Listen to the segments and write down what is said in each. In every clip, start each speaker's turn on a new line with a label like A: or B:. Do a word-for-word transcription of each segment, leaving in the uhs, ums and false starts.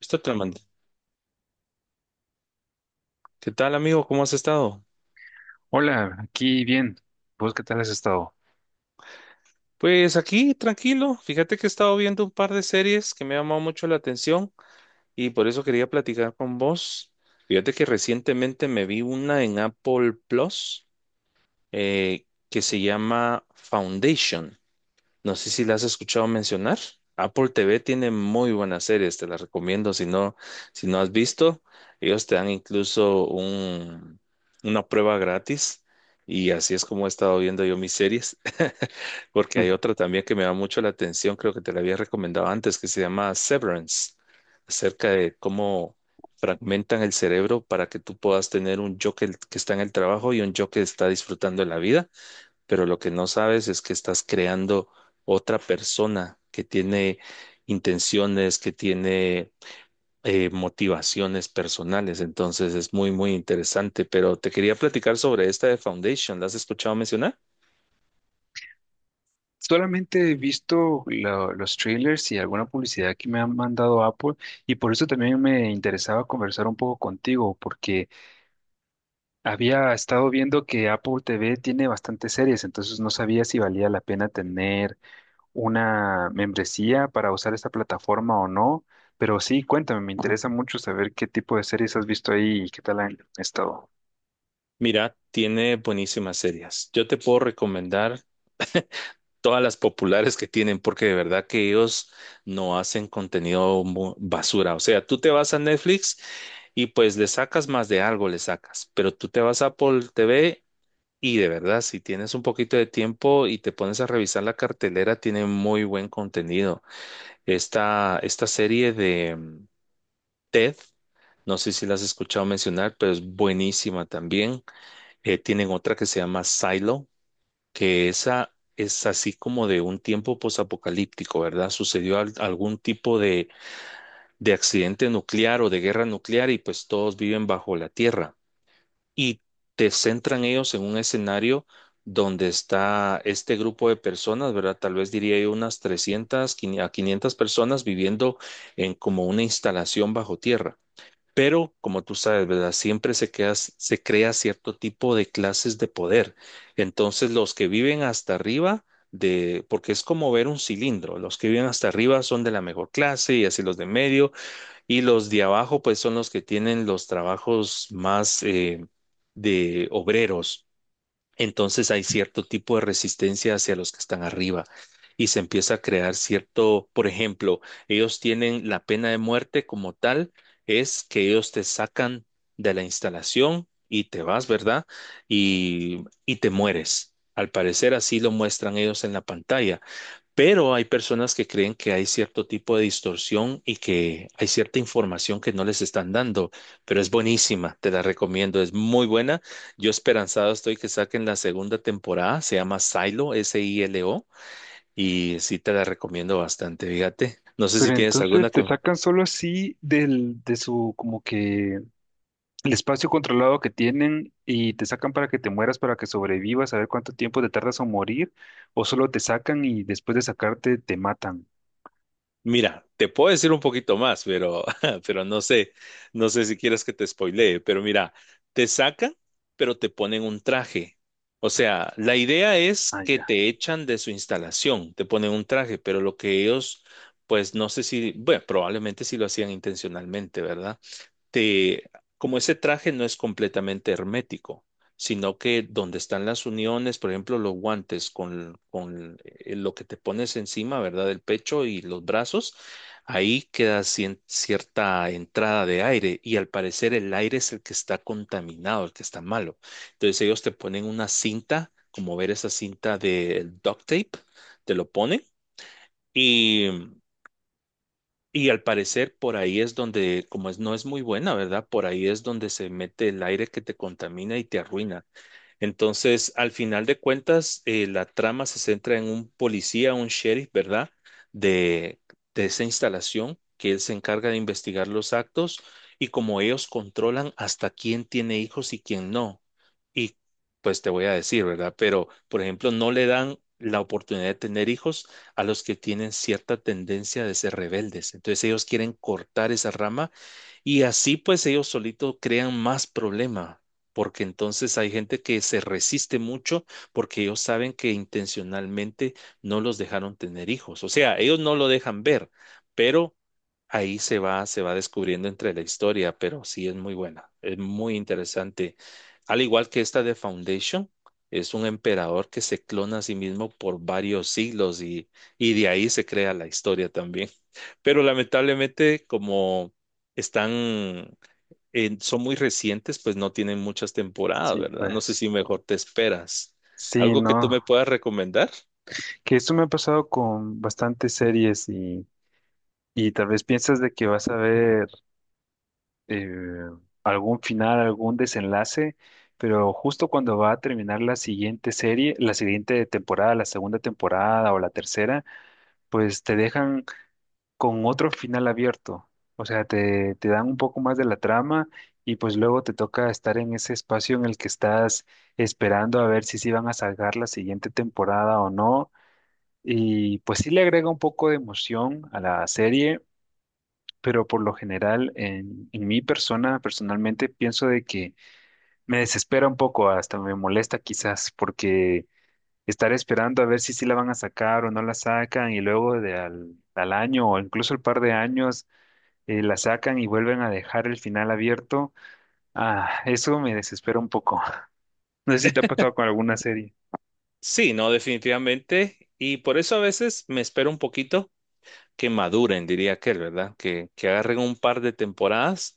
A: Esto te lo mandé. ¿Qué tal, amigo? ¿Cómo has estado?
B: Hola, aquí bien. ¿Vos qué tal has estado?
A: Pues aquí, tranquilo. Fíjate que he estado viendo un par de series que me ha llamado mucho la atención y por eso quería platicar con vos. Fíjate que recientemente me vi una en Apple Plus, eh, que se llama Foundation. No sé si la has escuchado mencionar. Apple T V tiene muy buenas series, te las recomiendo si no, si no has visto. Ellos te dan incluso un, una prueba gratis, y así es como he estado viendo yo mis series, porque
B: Mm.
A: hay otra también que me da mucho la atención. Creo que te la había recomendado antes, que se llama Severance, acerca de cómo fragmentan el cerebro para que tú puedas tener un yo que, que está en el trabajo y un yo que está disfrutando de la vida, pero lo que no sabes es que estás creando otra persona que tiene intenciones, que tiene eh, motivaciones personales. Entonces es muy, muy interesante, pero te quería platicar sobre esta de Foundation. ¿La has escuchado mencionar?
B: Solamente he visto lo- los trailers y alguna publicidad que me han mandado Apple, y por eso también me interesaba conversar un poco contigo porque había estado viendo que Apple T V tiene bastantes series. Entonces no sabía si valía la pena tener una membresía para usar esta plataforma o no, pero sí, cuéntame, me interesa mucho saber qué tipo de series has visto ahí y qué tal han estado.
A: Mira, tiene buenísimas series. Yo te puedo recomendar todas las populares que tienen, porque de verdad que ellos no hacen contenido mu- basura. O sea, tú te vas a Netflix y pues le sacas más de algo, le sacas, pero tú te vas a Apple T V, y de verdad, si tienes un poquito de tiempo y te pones a revisar la cartelera, tiene muy buen contenido. Esta, esta serie de mm, TED, no sé si la has escuchado mencionar, pero es buenísima también. Eh, tienen otra que se llama Silo, que esa es así como de un tiempo posapocalíptico, ¿verdad? Sucedió al- algún tipo de, de accidente nuclear o de guerra nuclear, y pues todos viven bajo la tierra y te centran ellos en un escenario donde está este grupo de personas, ¿verdad? Tal vez diría yo unas trescientas quin- a quinientas personas viviendo en como una instalación bajo tierra. Pero, como tú sabes, ¿verdad? Siempre se queda- se crea cierto tipo de clases de poder. Entonces, los que viven hasta arriba de, porque es como ver un cilindro, los que viven hasta arriba son de la mejor clase, y así los de medio, y los de abajo, pues son los que tienen los trabajos más eh, de obreros. Entonces hay cierto tipo de resistencia hacia los que están arriba, y se empieza a crear cierto, por ejemplo, ellos tienen la pena de muerte como tal. Es que ellos te sacan de la instalación y te vas, ¿verdad? Y, y te mueres. Al parecer así lo muestran ellos en la pantalla. Pero hay personas que creen que hay cierto tipo de distorsión y que hay cierta información que no les están dando, pero es buenísima, te la recomiendo, es muy buena. Yo esperanzado estoy que saquen la segunda temporada. Se llama Silo, S I L O, y sí te la recomiendo bastante, fíjate. No sé si
B: Pero
A: tienes
B: entonces
A: alguna
B: te
A: que,
B: sacan solo así del, de su, como que el espacio controlado que tienen, y te sacan para que te mueras, para que sobrevivas, a ver cuánto tiempo te tardas en morir, o solo te sacan y después de sacarte te matan.
A: mira, te puedo decir un poquito más, pero, pero no sé, no sé si quieres que te spoilee, pero mira, te sacan, pero te ponen un traje. O sea, la idea es
B: Ah,
A: que
B: ya.
A: te echan de su instalación, te ponen un traje, pero lo que ellos, pues no sé si, bueno, probablemente sí lo hacían intencionalmente, ¿verdad? Te, como ese traje no es completamente hermético, sino que donde están las uniones, por ejemplo, los guantes con, con eh, lo que te pones encima, ¿verdad? El pecho y los brazos, ahí queda cien- cierta entrada de aire, y al parecer el aire es el que está contaminado, el que está malo. Entonces ellos te ponen una cinta, como ver esa cinta de duct tape, te lo ponen. Y y al parecer por ahí es donde, como es, no es muy buena, ¿verdad? Por ahí es donde se mete el aire que te contamina y te arruina. Entonces, al final de cuentas, eh, la trama se centra en un policía, un sheriff, ¿verdad? De, de esa instalación, que él se encarga de investigar los actos, y como ellos controlan hasta quién tiene hijos y quién no. Y pues te voy a decir, ¿verdad? Pero, por ejemplo, no le dan la oportunidad de tener hijos a los que tienen cierta tendencia de ser rebeldes. Entonces, ellos quieren cortar esa rama, y así pues ellos solitos crean más problema, porque entonces hay gente que se resiste mucho, porque ellos saben que intencionalmente no los dejaron tener hijos. O sea, ellos no lo dejan ver, pero ahí se va, se va descubriendo entre la historia, pero sí es muy buena, es muy interesante. Al igual que esta de Foundation, es un emperador que se clona a sí mismo por varios siglos, y, y de ahí se crea la historia también. Pero lamentablemente, como están eh, son muy recientes, pues no tienen muchas temporadas,
B: Sí,
A: ¿verdad? No sé
B: pues.
A: si mejor te esperas.
B: Sí,
A: ¿Algo que tú
B: no.
A: me puedas recomendar?
B: Que esto me ha pasado con bastantes series, y, y tal vez piensas de que vas a ver eh, algún final, algún desenlace, pero justo cuando va a terminar la siguiente serie, la siguiente temporada, la segunda temporada o la tercera, pues te dejan con otro final abierto. O sea, te, te dan un poco más de la trama, y pues luego te toca estar en ese espacio en el que estás esperando a ver si sí van a sacar la siguiente temporada o no. Y pues sí le agrega un poco de emoción a la serie, pero por lo general en, en mi persona, personalmente, pienso de que me desespera un poco, hasta me molesta quizás, porque estar esperando a ver si sí la van a sacar o no la sacan, y luego de al, al año o incluso el par de años, eh, la sacan y vuelven a dejar el final abierto, ah, eso me desespera un poco. No sé si te ha pasado con alguna serie.
A: Sí, no, definitivamente. Y por eso a veces me espero un poquito que maduren, diría aquel, ¿verdad? Que, que agarren un par de temporadas.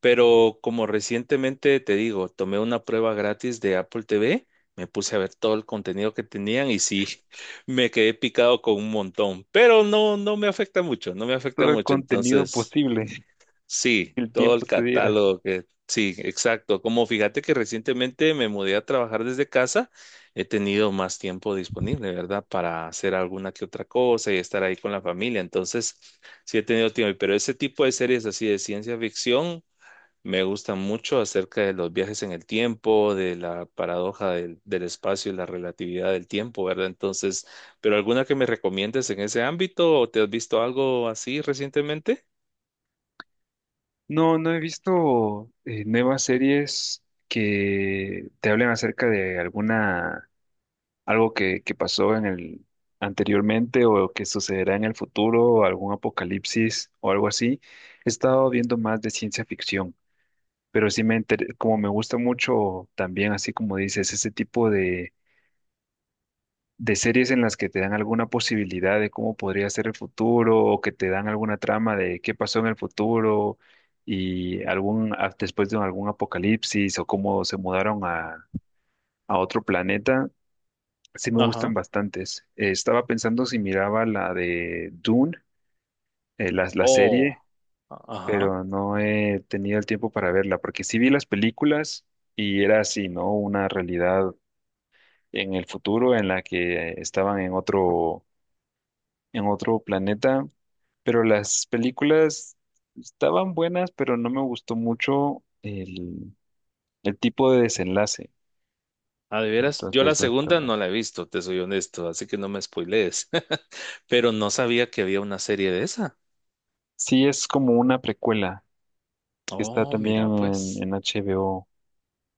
A: Pero como recientemente te digo, tomé una prueba gratis de Apple T V, me puse a ver todo el contenido que tenían y sí, me quedé picado con un montón. Pero no, no me afecta mucho, no me afecta
B: Todo el
A: mucho.
B: contenido
A: Entonces.
B: posible,
A: Sí,
B: el
A: todo el
B: tiempo te diera.
A: catálogo que sí, exacto. Como fíjate que recientemente me mudé a trabajar desde casa, he tenido más tiempo disponible, ¿verdad? Para hacer alguna que otra cosa y estar ahí con la familia. Entonces, sí he tenido tiempo, pero ese tipo de series así de ciencia ficción me gustan mucho, acerca de los viajes en el tiempo, de la paradoja del, del espacio y la relatividad del tiempo, ¿verdad? Entonces, ¿pero alguna que me recomiendes en ese ámbito o te has visto algo así recientemente?
B: No, no he visto eh, nuevas series que te hablen acerca de alguna, algo que, que pasó en el anteriormente o que sucederá en el futuro, algún apocalipsis o algo así. He estado viendo más de ciencia ficción, pero sí me inter- como me gusta mucho también, así como dices, ese tipo de de series en las que te dan alguna posibilidad de cómo podría ser el futuro o que te dan alguna trama de qué pasó en el futuro y algún a- después de algún apocalipsis o cómo se mudaron a, a otro planeta, sí me gustan
A: Ajá.
B: bastantes. Eh, estaba pensando si miraba la de Dune, eh, la, la
A: Oh,
B: serie,
A: ajá.
B: pero no he tenido el tiempo para verla porque sí vi las películas y era así, ¿no? Una realidad en el futuro en la que estaban en otro en otro planeta, pero las películas estaban buenas, pero no me gustó mucho el, el tipo de desenlace.
A: Ah, de veras, yo la
B: Entonces no
A: segunda
B: estaba.
A: no la he visto, te soy honesto, así que no me spoilees. Pero no sabía que había una serie de esa.
B: Sí, es como una precuela que está
A: Oh,
B: también
A: mira,
B: en,
A: pues,
B: en H B O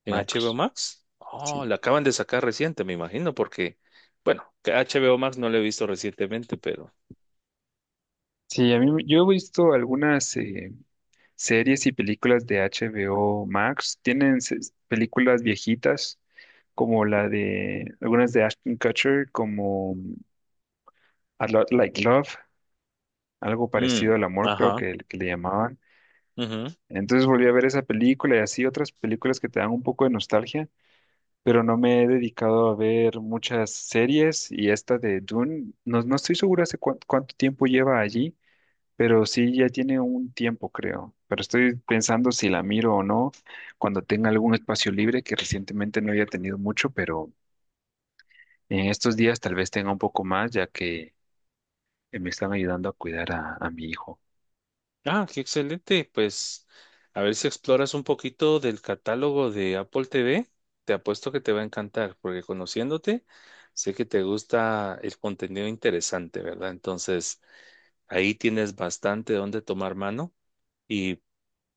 A: en H B O
B: Max.
A: Max. Oh,
B: Sí.
A: la acaban de sacar reciente, me imagino, porque, bueno, que H B O Max no la he visto recientemente, pero.
B: Sí, a mí me- yo he visto algunas eh, series y películas de H B O Max. Tienen se- películas viejitas como la de algunas de Ashton Kutcher, como A Lot Like Love, algo parecido
A: Mm,
B: al amor, creo
A: ajá.
B: que, que le llamaban. Entonces volví a ver esa película, y así otras películas que te dan un poco de nostalgia, pero no me he dedicado a ver muchas series. Y esta de Dune, no, no estoy segura hace cuán- cuánto tiempo lleva allí, pero sí ya tiene un tiempo, creo. Pero estoy pensando si la miro o no cuando tenga algún espacio libre, que recientemente no había tenido mucho, pero en estos días tal vez tenga un poco más, ya que eh, me están ayudando a cuidar a a mi hijo.
A: Ah, qué excelente. Pues a ver si exploras un poquito del catálogo de Apple T V. Te apuesto que te va a encantar, porque conociéndote, sé que te gusta el contenido interesante, ¿verdad? Entonces, ahí tienes bastante donde tomar mano, y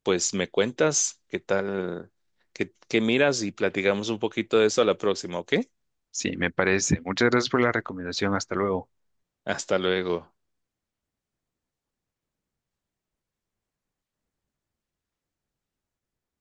A: pues me cuentas qué tal, qué, qué miras, y platicamos un poquito de eso a la próxima, ¿ok?
B: Sí, me parece. Muchas gracias por la recomendación. Hasta luego.
A: Hasta luego.